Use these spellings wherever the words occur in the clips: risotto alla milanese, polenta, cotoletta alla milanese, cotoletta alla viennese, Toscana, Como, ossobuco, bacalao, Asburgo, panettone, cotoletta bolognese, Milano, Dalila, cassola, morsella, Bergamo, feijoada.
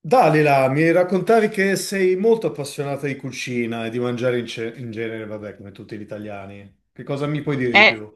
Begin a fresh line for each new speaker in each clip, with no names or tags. Dalila, mi raccontavi che sei molto appassionata di cucina e di mangiare in genere, vabbè, come tutti gli italiani. Che cosa mi puoi dire di
Eh,
più?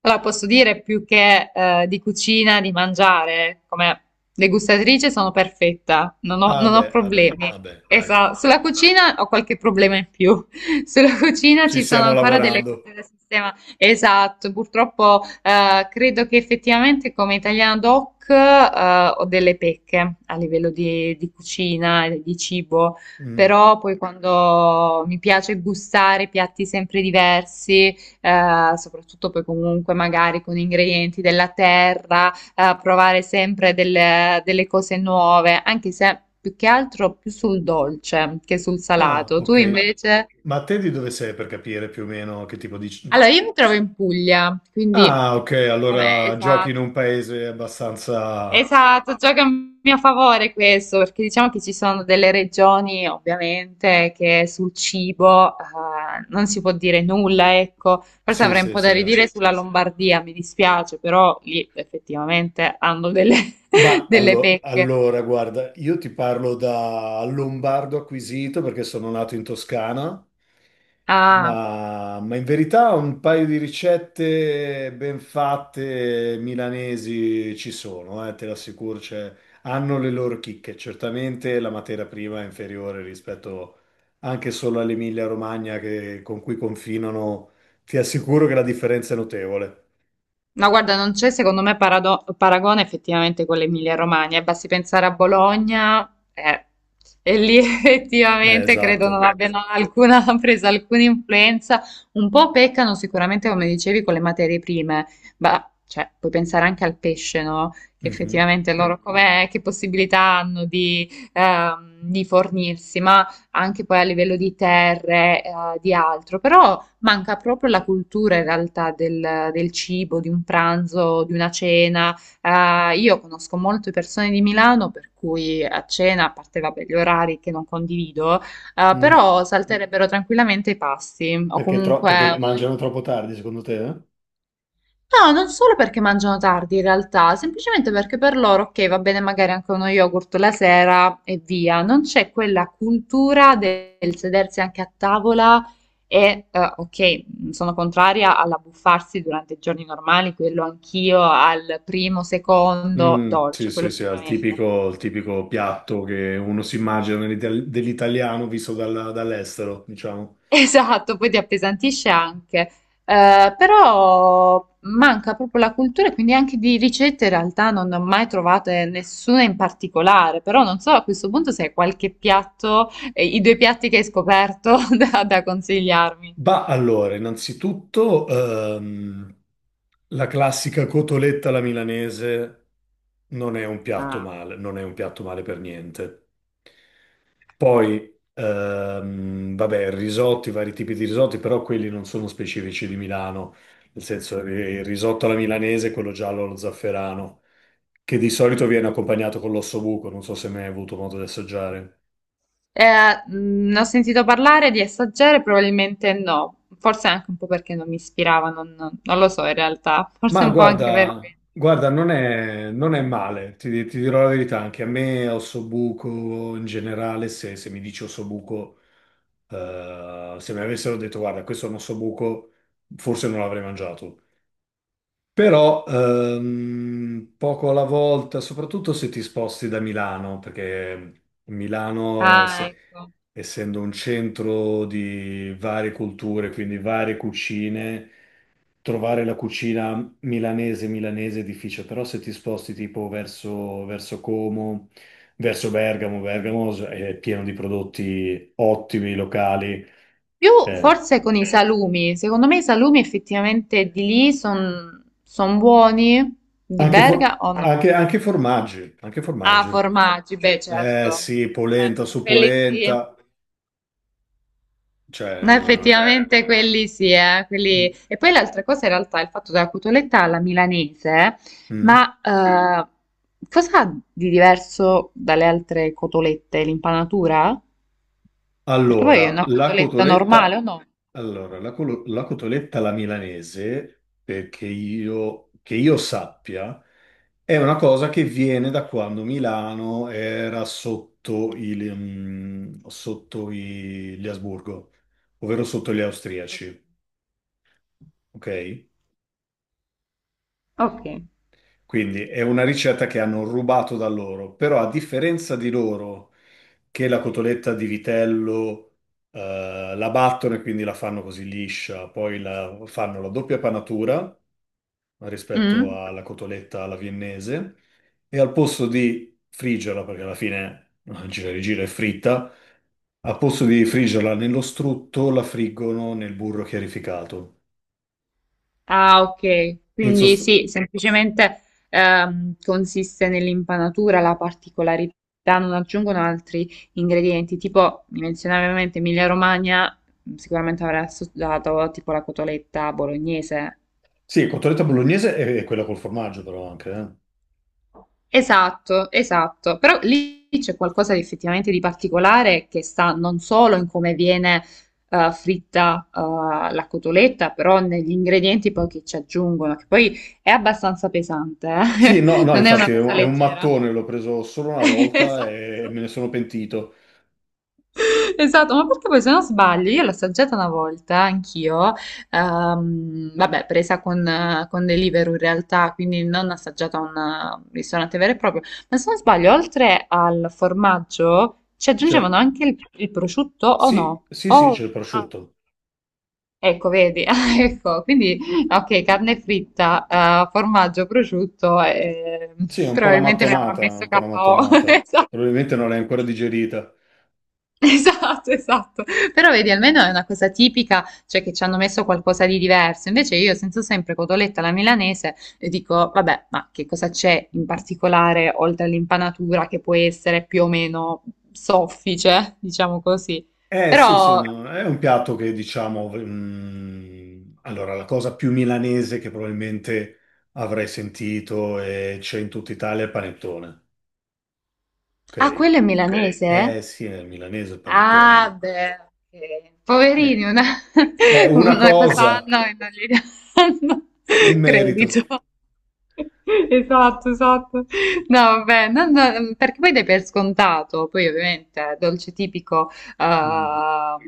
allora posso dire più che di cucina, di mangiare, come degustatrice sono perfetta,
Ah,
non ho
beh, vabbè,
problemi.
vabbè, dai,
Esatto, sulla cucina ho qualche problema in più. Sulla cucina
ci
ci sono
stiamo
ancora delle cose
lavorando.
da sistema. Esatto, purtroppo credo che effettivamente come italiano doc ho delle pecche a livello di cucina, e di cibo,
Mm.
però poi quando mi piace gustare piatti sempre diversi, soprattutto poi comunque magari con ingredienti della terra, provare sempre delle cose nuove, anche se più che altro più sul dolce che sul
Ah,
salato. Tu
ok.
invece?
Ma te di dove sei per capire più o meno che tipo di...
Allora, io mi trovo in Puglia, quindi
Ah, ok,
com'è?
allora giochi in
Esatto.
un paese abbastanza...
Esatto, gioca a mio favore questo, perché diciamo che ci sono delle regioni ovviamente che sul cibo non si può dire nulla, ecco, forse
Sì,
avrei un
sì,
po' da
sì.
ridire
Ah.
sulla Lombardia, mi dispiace, però lì effettivamente hanno delle pecche.
Allora, guarda, io ti parlo da lombardo acquisito perché sono nato in Toscana,
Ah.
ma in verità un paio di ricette ben fatte milanesi ci sono, te lo assicuro, cioè, hanno le loro chicche. Certamente la materia prima è inferiore rispetto anche solo all'Emilia-Romagna con cui confinano, ti assicuro che la differenza è notevole.
No, guarda, non c'è secondo me paragone effettivamente con l'Emilia-Romagna, e basti pensare a Bologna, eh, e lì effettivamente credo non
Esatto.
abbiano alcuna, presa alcuna influenza, un po' peccano sicuramente, come dicevi, con le materie prime, ma cioè, puoi pensare anche al pesce, no? Che effettivamente loro com'è, che possibilità hanno di fornirsi, ma anche poi a livello di terre, di altro, però manca proprio la cultura in realtà del, del cibo, di un pranzo, di una cena. Io conosco molte persone di Milano per cui a cena, a parte vabbè, gli orari che non condivido,
Mhm.
però salterebbero tranquillamente i pasti o
Perché, perché
comunque.
mangiano troppo tardi, secondo te, eh?
No, non solo perché mangiano tardi in realtà, semplicemente perché per loro, ok, va bene magari anche uno yogurt la sera e via, non c'è quella cultura del sedersi anche a tavola e, ok, sono contraria all'abbuffarsi durante i giorni normali, quello anch'io al primo, secondo
Mm, sì,
dolce, quello
sì, sì, al
sicuramente.
tipico, il tipico piatto che uno si immagina dell'italiano visto dall'estero, diciamo.
Esatto, poi ti appesantisce anche. Però manca proprio la cultura, quindi anche di ricette in realtà non ne ho mai trovate nessuna in particolare, però non so a questo punto se hai qualche piatto, i due piatti che hai scoperto da consigliarmi.
Bah, allora, innanzitutto la classica cotoletta alla milanese non è un piatto
Ah.
male, non è un piatto male per niente. Poi, vabbè, risotti, vari tipi di risotti, però quelli non sono specifici di Milano, nel senso il risotto alla milanese, quello giallo allo zafferano, che di solito viene accompagnato con l'ossobuco, non so se mai hai avuto modo di assaggiare.
Ne ho sentito parlare di assaggiare, probabilmente no, forse anche un po' perché non mi ispirava, non lo so in realtà, forse
Ma
un po' anche per
guarda,
questo.
guarda, non è male, ti dirò la verità, anche a me ossobuco in generale, se mi dici ossobuco, se mi avessero detto guarda, questo è un ossobuco, forse non l'avrei mangiato. Però poco alla volta, soprattutto se ti sposti da Milano, perché
Ah, ecco.
essendo un centro di varie culture, quindi varie cucine, trovare la cucina milanese milanese è difficile, però se ti sposti tipo verso Como, verso Bergamo, Bergamo è pieno di prodotti ottimi, locali,
Più
eh,
forse con i salumi, secondo me i salumi effettivamente di lì sono buoni, di
anche,
Berga o no?
anche formaggi, anche
Ah,
formaggi.
formaggi, beh
Eh
certo,
sì, polenta
certo, per
su
quelli sì.
polenta, cioè...
No, effettivamente quelli sì,
mm.
e poi l'altra cosa in realtà è il fatto della cotoletta alla milanese,
Mm.
ma cosa ha di diverso dalle altre cotolette? L'impanatura? Perché poi è
Allora,
una
la
cotoletta normale o
cotoletta,
no?
allora, la cotoletta alla milanese, perché io, che io sappia, è una cosa che viene da quando Milano era sotto il, mm, sotto i- gli Asburgo, ovvero sotto gli austriaci, ok?
Ok.
Quindi è una ricetta che hanno rubato da loro, però a differenza di loro che la cotoletta di vitello la battono e quindi la fanno così liscia, fanno la doppia panatura rispetto
Mm?
alla cotoletta alla viennese e al posto di friggerla, perché alla fine gira e rigira è fritta, al posto di friggerla nello strutto la friggono nel burro chiarificato.
Ah, ok.
In
Quindi
sost-
sì, semplicemente consiste nell'impanatura la particolarità, non aggiungono altri ingredienti. Tipo, mi menzionavi ovviamente Emilia Romagna, sicuramente avrà assaggiato tipo la cotoletta bolognese.
sì, cotoletta bolognese è quella col formaggio però anche, eh.
Esatto, esatto, però lì c'è qualcosa di effettivamente di particolare che sta non solo in come viene fritta la cotoletta, però negli ingredienti poi che ci aggiungono, che poi è abbastanza pesante,
Sì,
eh.
no, no,
Non è una
infatti
cosa
è un
leggera.
mattone, l'ho preso solo una volta e
Esatto.
me ne sono pentito.
Esatto, ma perché poi se non sbaglio, io l'ho assaggiata una volta, anch'io, vabbè, presa con Deliveroo in realtà, quindi non assaggiata a un ristorante vero e proprio, ma se non sbaglio, oltre al formaggio ci
Cioè,
aggiungevano anche il prosciutto o
sì,
no?
sì, sì, c'è il
Ah,
prosciutto.
ecco, vedi, ah, ecco, quindi ok, carne fritta, formaggio, prosciutto,
Sì, è un po' una
probabilmente mi avrà
mattonata,
messo
un po' una
KO.
mattonata.
Esatto.
Probabilmente non l'hai ancora digerita.
Esatto, esatto. Però vedi, almeno è una cosa tipica, cioè che ci hanno messo qualcosa di diverso. Invece io sento sempre cotoletta alla milanese e dico, vabbè, ma che cosa c'è in particolare oltre all'impanatura che può essere più o meno soffice, diciamo così.
Eh sì, sì,
Però,
no, è un piatto che diciamo... mm, allora, la cosa più milanese che probabilmente avrei sentito e c'è in tutta Italia è il panettone,
ah,
ok?
quello è Ok. milanese? Eh?
Eh sì, è milanese il
Ah,
panettone.
beh, ok. Poverini,
Eh, È una
una cosa
cosa,
fanno e non gli danno
un merito.
credito. Esatto, esatto. No, vabbè, perché poi dai per scontato, poi ovviamente è dolce tipico
Mm.
ehm,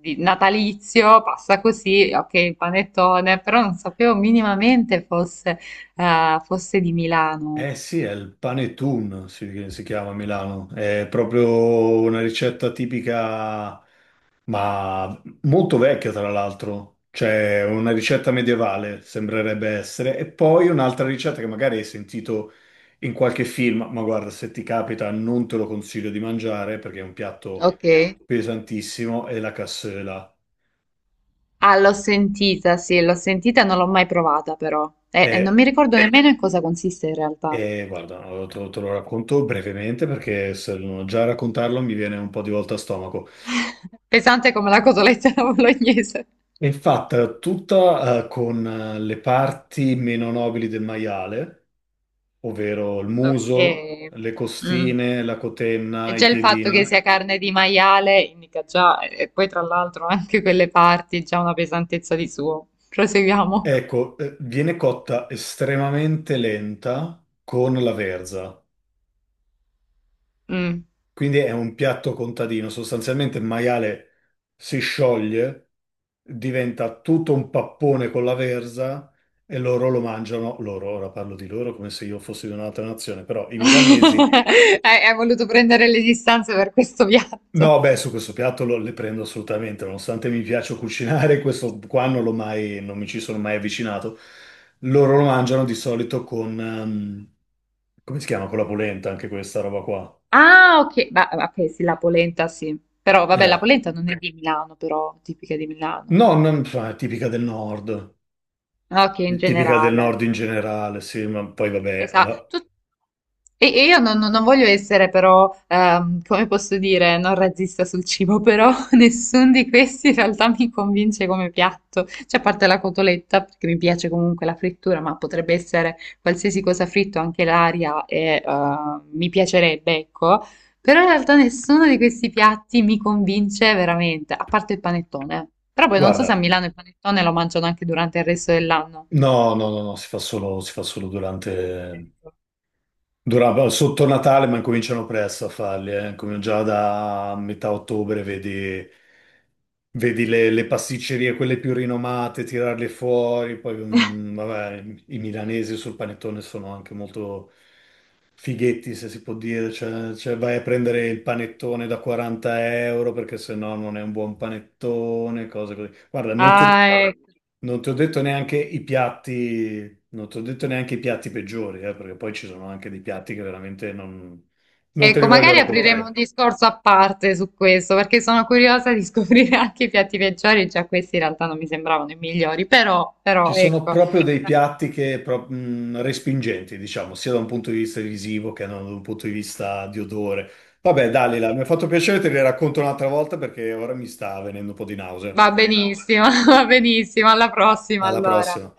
di- natalizio, passa così, ok, il panettone, però non sapevo minimamente fosse di Milano.
Eh sì, è il panettone, si chiama a Milano. È proprio una ricetta tipica, ma molto vecchia tra l'altro. Cioè, una ricetta medievale sembrerebbe essere. E poi un'altra ricetta che magari hai sentito in qualche film, ma guarda, se ti capita non te lo consiglio di mangiare perché è un piatto
Ok.
pesantissimo, è la cassola.
Ah, l'ho sentita, sì, l'ho sentita, non l'ho mai provata però. E non mi
E,
ricordo nemmeno in cosa consiste in realtà.
guarda, te lo racconto brevemente perché se non già a raccontarlo mi viene un po' di volta a stomaco.
Pesante come la cotoletta alla bolognese.
È fatta tutta, con le parti meno nobili del maiale, ovvero il muso,
Ok.
le
Mm.
costine, la
E
cotenna, i
già il fatto che
piedini.
sia carne di maiale indica già, e poi tra l'altro anche quelle parti, già una pesantezza di suo. Proseguiamo.
Ecco, viene cotta estremamente lenta con la verza.
Mm.
Quindi è un piatto contadino. Sostanzialmente il maiale si scioglie, diventa tutto un pappone con la verza e loro lo mangiano. Loro, ora parlo di loro come se io fossi di un'altra nazione, però i milanesi
Hai voluto prendere le distanze per questo piatto.
no, beh, su questo piatto le prendo assolutamente, nonostante mi piaccia cucinare, questo qua non l'ho mai, non mi ci sono mai avvicinato. Loro lo mangiano di solito con, come si chiama? Con la polenta, anche questa roba qua.
Ah, ok, bah, ok, sì, la polenta sì, però vabbè, la
Eh.
polenta non è di Milano, però tipica di Milano.
No, non, fa- è tipica del nord,
Ah, ok, in
è tipica del
generale.
nord in generale, sì, ma poi vabbè, la-
Esatto. E io non voglio essere però, come posso dire, non razzista sul cibo, però nessuno di questi in realtà mi convince come piatto, cioè a parte la cotoletta, perché mi piace comunque la frittura, ma potrebbe essere qualsiasi cosa fritto, anche l'aria, e mi piacerebbe, ecco, però in realtà nessuno di questi piatti mi convince veramente, a parte il panettone. Però poi non so se a
guarda,
Milano il panettone lo mangiano anche durante il resto dell'anno.
no, no, no, no, si fa solo durante,
Ecco.
durava sotto Natale, ma incominciano presto a farli, eh. Come già da metà ottobre vedi, vedi le pasticcerie, quelle più rinomate, tirarle fuori. Poi, mm, vabbè, i milanesi sul panettone sono anche molto fighetti, se si può dire. Cioè, cioè, vai a prendere il panettone da 40 euro perché sennò non è un buon panettone, cose così. Guarda, non ti
Ah, ecco.
non ti ho detto neanche i piatti, non ti ho detto neanche i piatti peggiori, perché poi ci sono anche dei piatti che veramente non, non te li
Ecco,
voglio
magari apriremo un
raccontare.
discorso a parte su questo, perché sono curiosa di scoprire anche i piatti peggiori, già questi in realtà non mi sembravano i migliori,
Ci
però
sono
ecco,
proprio dei piatti che respingenti, diciamo, sia da un punto di vista visivo che da un punto di vista di odore. Vabbè, Dalila, mi ha fatto piacere, te li racconto un'altra volta perché ora mi sta venendo un po' di nausea.
va benissimo, va benissimo, alla prossima
Alla
allora.
prossima.